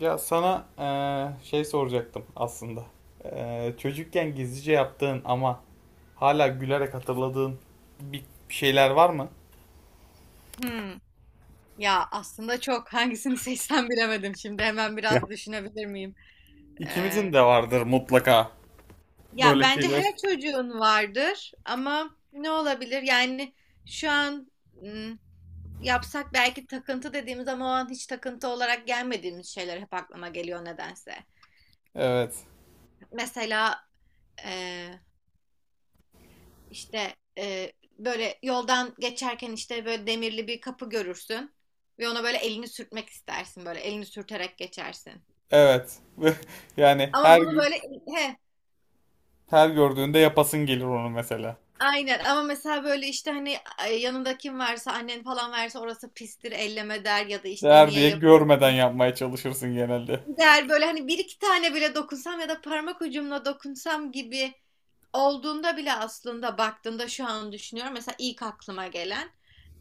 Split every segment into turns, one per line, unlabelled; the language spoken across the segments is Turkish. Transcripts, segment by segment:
Ya sana şey soracaktım aslında. Çocukken gizlice yaptığın ama hala gülerek hatırladığın bir şeyler var mı?
Hmm. Ya aslında çok hangisini seçsem bilemedim. Şimdi hemen
Ya.
biraz düşünebilir miyim?
İkimizin
Ee,
de vardır mutlaka
Ya
böyle
bence
şeyler.
her çocuğun vardır ama ne olabilir? Yani şu an hmm, yapsak belki takıntı dediğimiz ama o an hiç takıntı olarak gelmediğimiz şeyler hep aklıma geliyor nedense.
Evet.
Mesela e, işte böyle yoldan geçerken işte böyle demirli bir kapı görürsün ve ona böyle elini sürtmek istersin böyle elini sürterek geçersin.
Evet. Yani
Ama
her
bunu
gün
böyle he.
her gördüğünde yapasın gelir onu mesela.
Aynen ama mesela böyle işte hani yanında kim varsa annen falan varsa orası pistir elleme der ya da işte
Değer
niye
diye görmeden
yapıyorsun
yapmaya çalışırsın genelde.
der böyle hani bir iki tane bile dokunsam ya da parmak ucumla dokunsam gibi olduğunda bile aslında baktığımda şu an düşünüyorum mesela ilk aklıma gelen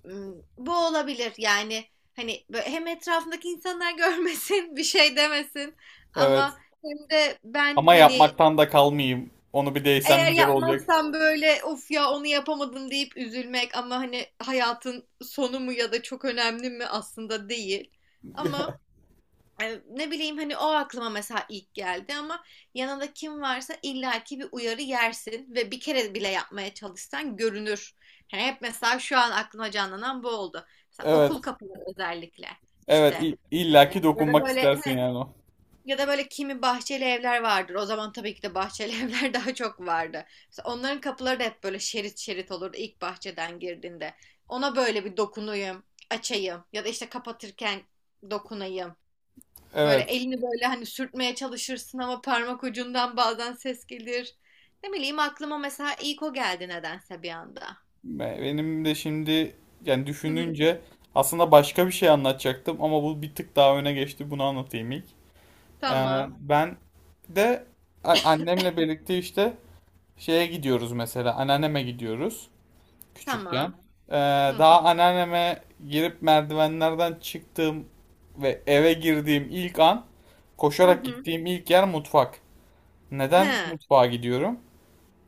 m, bu olabilir yani hani böyle hem etrafındaki insanlar görmesin bir şey demesin
Evet.
ama hem de ben
Ama
hani
yapmaktan da kalmayayım. Onu bir değsem
eğer
güzel olacak.
yapmazsan böyle of ya onu yapamadım deyip üzülmek ama hani hayatın sonu mu ya da çok önemli mi aslında değil. Ama ne bileyim hani o aklıma mesela ilk geldi ama yanında kim varsa illaki bir uyarı yersin ve bir kere bile yapmaya çalışsan görünür. Hani hep mesela şu an aklıma canlanan bu oldu. Mesela
Evet.
okul kapıları özellikle
Evet.
işte. Yani
İllaki
ya da
dokunmak
böyle
istersin yani o.
ya da böyle kimi bahçeli evler vardır. O zaman tabii ki de bahçeli evler daha çok vardı. Mesela onların kapıları da hep böyle şerit şerit olurdu ilk bahçeden girdiğinde. Ona böyle bir dokunayım, açayım ya da işte kapatırken dokunayım. Böyle
Evet.
elini böyle hani sürtmeye çalışırsın ama parmak ucundan bazen ses gelir. Ne bileyim aklıma mesela ilk o geldi nedense bir anda.
Benim de şimdi yani
Hı hı.
düşününce aslında başka bir şey anlatacaktım ama bu bir tık daha öne geçti. Bunu anlatayım ilk.
Tamam,
Ben de annemle birlikte işte şeye gidiyoruz mesela. Anneanneme gidiyoruz küçükken.
tamam.
Ee,
Hı
Daha
hı.
anneanneme girip merdivenlerden çıktığım ve eve girdiğim ilk an
Hı
koşarak
hı.
gittiğim ilk yer mutfak. Neden
He.
mutfağa gidiyorum?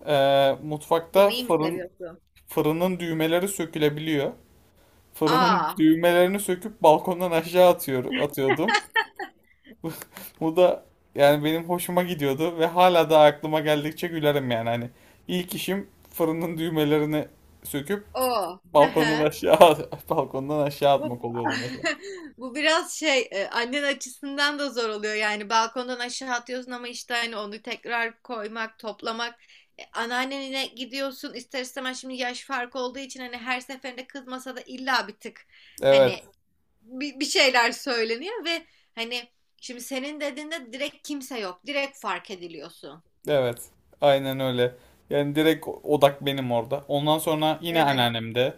Mutfakta
Yemeği mi seviyorsun?
fırının düğmeleri sökülebiliyor. Fırının
Aa,
düğmelerini söküp balkondan aşağı atıyordum. Bu da yani benim hoşuma gidiyordu ve hala da aklıma geldikçe gülerim yani. Hani ilk işim fırının düğmelerini söküp
o. Hı
balkondan
hı.
aşağı balkondan aşağı atmak
Bu
oluyordu mesela.
bu biraz şey annen açısından da zor oluyor yani balkondan aşağı atıyorsun ama işte hani onu tekrar koymak toplamak. E, anneannene gidiyorsun ister istemez şimdi yaş farkı olduğu için hani her seferinde kızmasa da illa bir tık
Evet.
hani bir şeyler söyleniyor ve hani şimdi senin dediğinde direkt kimse yok direkt fark ediliyorsun.
Evet. Aynen öyle. Yani direkt odak benim orada. Ondan sonra yine
Evet.
anneannemde.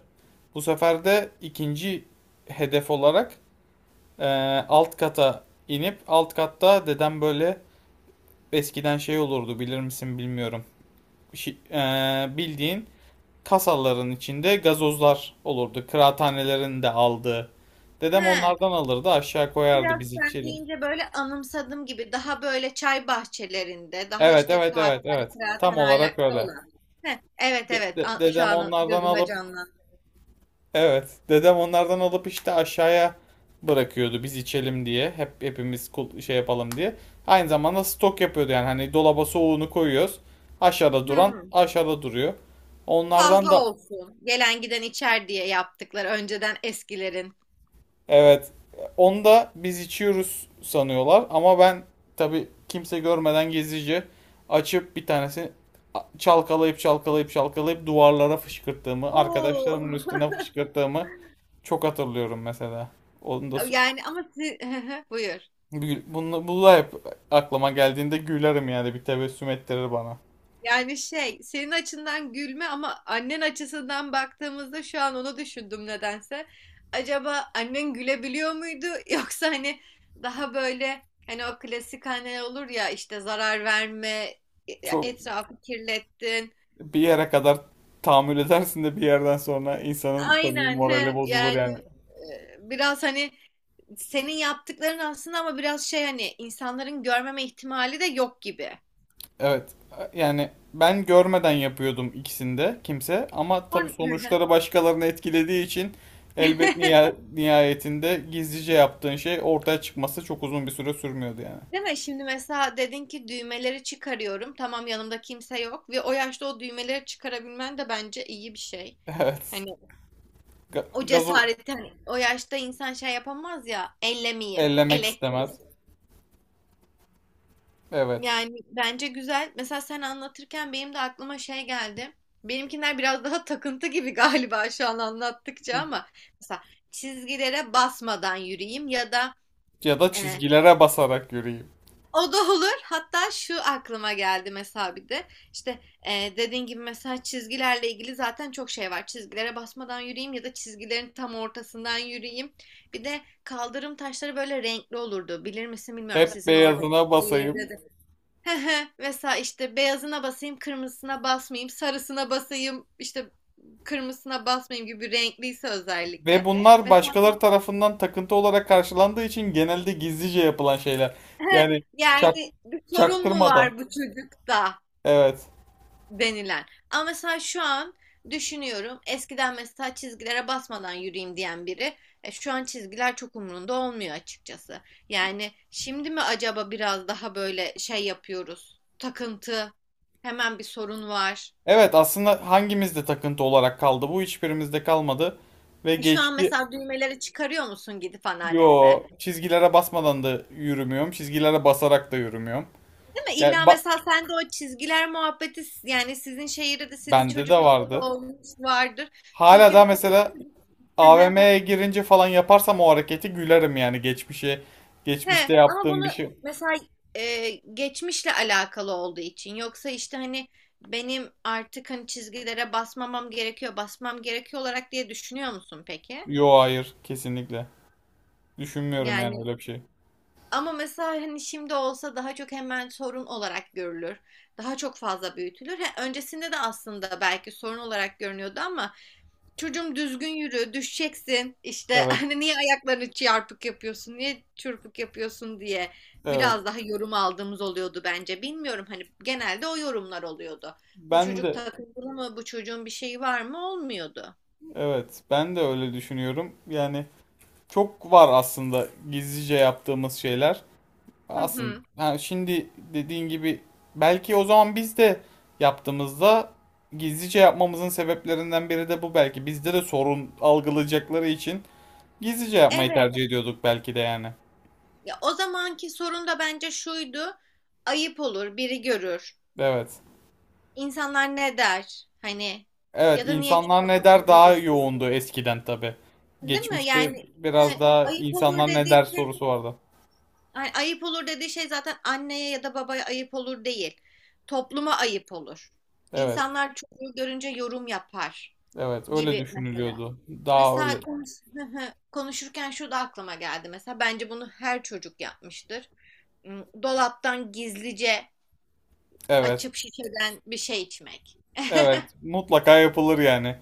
Bu sefer de ikinci hedef olarak e, alt kata inip alt katta dedem böyle eskiden şey olurdu bilir misin bilmiyorum. Bildiğin kasaların içinde gazozlar olurdu. Kıraathanelerin de aldığı. Dedem
He.
onlardan alırdı aşağı koyardı
Biraz
biz
sen
içelim.
deyince böyle anımsadım gibi daha böyle çay bahçelerinde, daha
Evet
işte
evet evet
kahvelerde,
evet. Tam olarak
kıraathanelerde
öyle.
olan. Heh, evet evet A- şu
Dedem
an
onlardan
gözümde
alıp.
canlandı.
Evet. Dedem onlardan alıp işte aşağıya bırakıyordu biz içelim diye. Hep şey yapalım diye. Aynı zamanda stok yapıyordu yani hani dolaba soğuğunu koyuyoruz.
Hmm.
Aşağıda duruyor. Onlardan da
Fazla olsun. Gelen giden içer diye yaptıkları önceden eskilerin.
evet. Onu da biz içiyoruz sanıyorlar ama ben tabii kimse görmeden gizlice açıp bir tanesini çalkalayıp çalkalayıp çalkalayıp duvarlara fışkırttığımı,
Oo.
arkadaşlarımın üstüne fışkırttığımı çok hatırlıyorum mesela. Onu da so-,
Yani ama siz... Buyur.
Gül- Bunu, Hep aklıma geldiğinde gülerim yani bir tebessüm ettirir bana.
Yani şey, senin açından gülme ama annen açısından baktığımızda şu an onu düşündüm nedense. Acaba annen gülebiliyor muydu yoksa hani daha böyle hani o klasik anneler olur ya işte zarar verme,
Çok
etrafı kirlettin.
bir yere kadar tahammül edersin de bir yerden sonra insanın tabii
Aynen
morali
he
bozulur
yani
yani.
biraz hani senin yaptıkların aslında ama biraz şey hani insanların görmeme ihtimali de yok gibi.
Evet, yani ben görmeden yapıyordum ikisinde kimse ama tabii
On...
sonuçları başkalarını etkilediği için elbet nihayetinde gizlice yaptığın şey ortaya çıkması çok uzun bir süre sürmüyordu yani.
Değil mi? Şimdi mesela dedin ki düğmeleri çıkarıyorum. Tamam yanımda kimse yok ve o yaşta o düğmeleri çıkarabilmen de bence iyi bir şey.
Evet.
Hani o
Gazoz
cesareti hani o yaşta insan şey yapamaz ya ellemeyeyim,
ellemek
elektrik.
istemez. Evet.
Yani bence güzel. Mesela sen anlatırken benim de aklıma şey geldi. Benimkiler biraz daha takıntı gibi galiba şu an anlattıkça ama mesela çizgilere basmadan yürüyeyim ya da
Ya da
e,
çizgilere basarak yürüyeyim.
o da olur. Hatta şu aklıma geldi mesela bir de. İşte dediğin gibi mesela çizgilerle ilgili zaten çok şey var. Çizgilere basmadan yürüyeyim ya da çizgilerin tam ortasından yürüyeyim. Bir de kaldırım taşları böyle renkli olurdu. Bilir misin bilmiyorum
Hep
sizin orada
beyazına
şehirde
basayım.
de. Hı hı. Mesela işte beyazına basayım, kırmızısına basmayayım, sarısına basayım, işte kırmızısına basmayayım gibi renkliyse
Ve
özellikle.
bunlar
Mesela
başkaları tarafından takıntı olarak karşılandığı için genelde gizlice yapılan şeyler. Yani çak,
yani bir sorun mu
çaktırmadan.
var bu çocukta?
Evet.
Denilen. Ama mesela şu an düşünüyorum. Eskiden mesela çizgilere basmadan yürüyeyim diyen biri şu an çizgiler çok umurunda olmuyor açıkçası. Yani şimdi mi acaba biraz daha böyle şey yapıyoruz? Takıntı, hemen bir sorun var.
Evet, aslında hangimizde takıntı olarak kaldı? Bu hiçbirimizde kalmadı. Ve
E, şu an
geçti.
mesela düğmeleri çıkarıyor musun gidip anneannende?
Yo, çizgilere basmadan da yürümüyorum. Çizgilere basarak da yürümüyorum.
Değil mi?
Yani
İlla mesela sen de o çizgiler muhabbeti yani sizin şehirde de senin
bende de
çocukluğunda da
vardı.
olmuş vardır.
Hala
Çünkü
da mesela AVM'ye girince falan yaparsam o hareketi gülerim yani geçmişe.
he,
Geçmişte
ama
yaptığım
bunu
bir şey.
mesela geçmişle alakalı olduğu için yoksa işte hani benim artık hani çizgilere basmamam gerekiyor, basmam gerekiyor olarak diye düşünüyor musun peki?
Yo hayır kesinlikle. Düşünmüyorum yani
Yani
öyle bir şey.
ama mesela hani şimdi olsa daha çok hemen sorun olarak görülür. Daha çok fazla büyütülür. He, öncesinde de aslında belki sorun olarak görünüyordu ama çocuğum düzgün yürü, düşeceksin. İşte
Evet,
hani niye ayaklarını çarpık yapıyorsun, niye çırpık yapıyorsun diye
evet.
biraz daha yorum aldığımız oluyordu bence. Bilmiyorum hani genelde o yorumlar oluyordu. Bu
Ben
çocuk
de
takıntılı mı, bu çocuğun bir şeyi var mı olmuyordu.
Evet, ben de öyle düşünüyorum. Yani çok var aslında gizlice yaptığımız şeyler.
Hı
Aslında
hı.
ha, şimdi dediğin gibi belki o zaman biz de yaptığımızda gizlice yapmamızın sebeplerinden biri de bu belki. Bizde de sorun algılayacakları için gizlice yapmayı
Evet.
tercih ediyorduk belki de yani.
Ya, o zamanki sorun da bence şuydu. Ayıp olur, biri görür.
Evet.
İnsanlar ne der? Hani
Evet,
ya da niye
insanlar ne
çarpık
der daha
yürüyorsun?
yoğundu eskiden tabii.
Değil mi?
Geçmişte
Yani
biraz
evet,
daha
ayıp olur
insanlar ne
dediği
der
şey
sorusu vardı.
Ay- ayıp olur dediği şey zaten anneye ya da babaya ayıp olur değil. Topluma ayıp olur.
Evet,
İnsanlar çocuğu görünce yorum yapar
evet öyle
gibi mesela.
düşünülüyordu. Daha
Mesela
öyle.
konuş konuşurken şu da aklıma geldi. Mesela bence bunu her çocuk yapmıştır. Hmm, dolaptan gizlice
Evet,
açıp şişeden bir şey içmek.
evet mutlaka yapılır yani.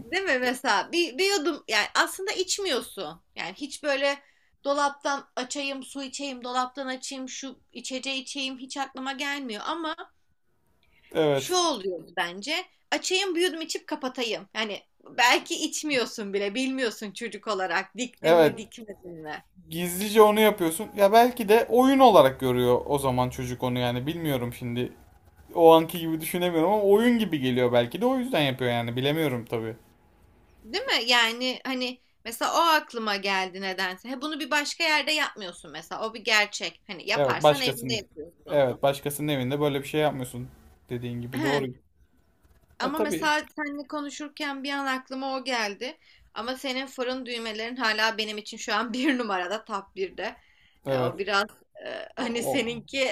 Değil mi mesela bir yudum yani aslında içmiyorsun. Yani hiç böyle dolaptan açayım su içeyim dolaptan açayım şu içeceği içeyim hiç aklıma gelmiyor ama şu
Evet,
oluyor bence açayım bir yudum içip kapatayım. Yani belki içmiyorsun bile bilmiyorsun çocuk olarak diktin
evet
mi dikmedin mi.
gizlice onu yapıyorsun. Ya belki de oyun olarak görüyor o zaman çocuk onu yani bilmiyorum şimdi. O anki gibi düşünemiyorum ama oyun gibi geliyor belki de o yüzden yapıyor yani bilemiyorum tabii.
Değil mi? Yani hani mesela o aklıma geldi nedense. He, bunu bir başka yerde yapmıyorsun mesela o bir gerçek hani
Evet,
yaparsan evinde
başkasının.
yapıyorsun.
Evet, başkasının evinde böyle bir şey yapmıyorsun. Dediğin gibi doğru. E
Ama
tabii.
mesela seninle konuşurken bir an aklıma o geldi. Ama senin fırın düğmelerin hala benim için şu an bir numarada top 1'de. O
Evet.
biraz
O,
hani
o-
seninki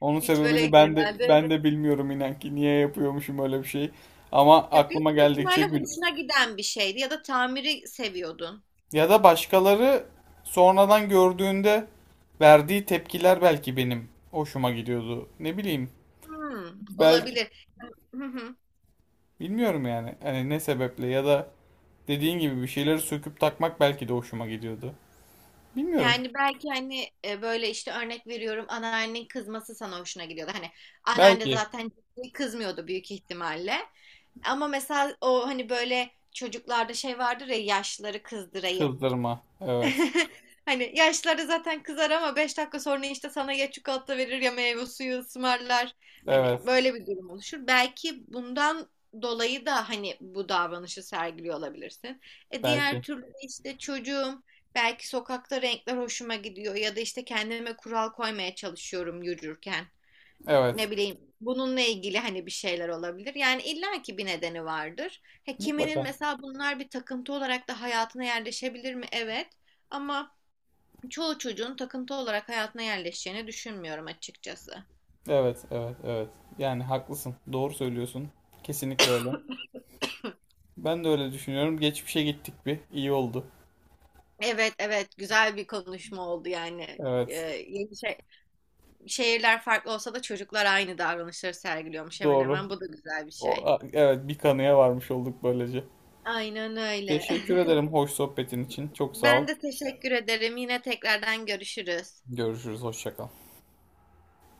Onun
hiç böyle
sebebini ben de
genelde
ben de bilmiyorum inan ki niye yapıyormuşum öyle bir şey. Ama
ya
aklıma
büyük bir
geldikçe
ihtimalle
gül.
hoşuna giden bir şeydi ya da tamiri seviyordun.
Ya da başkaları sonradan gördüğünde verdiği tepkiler belki benim hoşuma gidiyordu. Ne bileyim.
Hmm,
Belki
olabilir.
bilmiyorum yani. Hani ne sebeple ya da dediğin gibi bir şeyleri söküp takmak belki de hoşuma gidiyordu. Bilmiyorum.
Yani belki hani böyle işte örnek veriyorum anneannenin kızması sana hoşuna gidiyordu. Hani anneanne
Belki
zaten ciddi kızmıyordu büyük ihtimalle. Ama mesela o hani böyle çocuklarda şey vardır ya yaşlıları kızdırayım.
kızdırma. Evet.
Hani yaşları zaten kızar ama 5 dakika sonra işte sana ya çikolata verir ya meyve suyu ısmarlar. Hani
Evet.
böyle bir durum oluşur. Belki bundan dolayı da hani bu davranışı sergiliyor olabilirsin. E diğer
Belki.
türlü de işte çocuğum belki sokakta renkler hoşuma gidiyor ya da işte kendime kural koymaya çalışıyorum yürürken
Evet.
ne bileyim bununla ilgili hani bir şeyler olabilir. Yani illaki bir nedeni vardır. He, kiminin
Mutlaka.
mesela bunlar bir takıntı olarak da hayatına yerleşebilir mi? Evet. Ama çoğu çocuğun takıntı olarak hayatına yerleşeceğini düşünmüyorum açıkçası.
Evet, evet, evet. Yani haklısın. Doğru söylüyorsun. Kesinlikle öyle. Ben de öyle düşünüyorum. Geçmişe gittik bir. İyi oldu.
Evet evet güzel bir konuşma oldu yani. Ee,
Evet,
yeni şey, şehirler farklı olsa da çocuklar aynı davranışları sergiliyormuş hemen
doğru.
hemen. Bu da güzel bir şey.
Evet, bir kanıya varmış olduk böylece.
Aynen öyle.
Teşekkür ederim hoş sohbetin için. Çok sağ ol.
Ben de teşekkür ederim. Yine tekrardan görüşürüz.
Görüşürüz. Hoşça kal.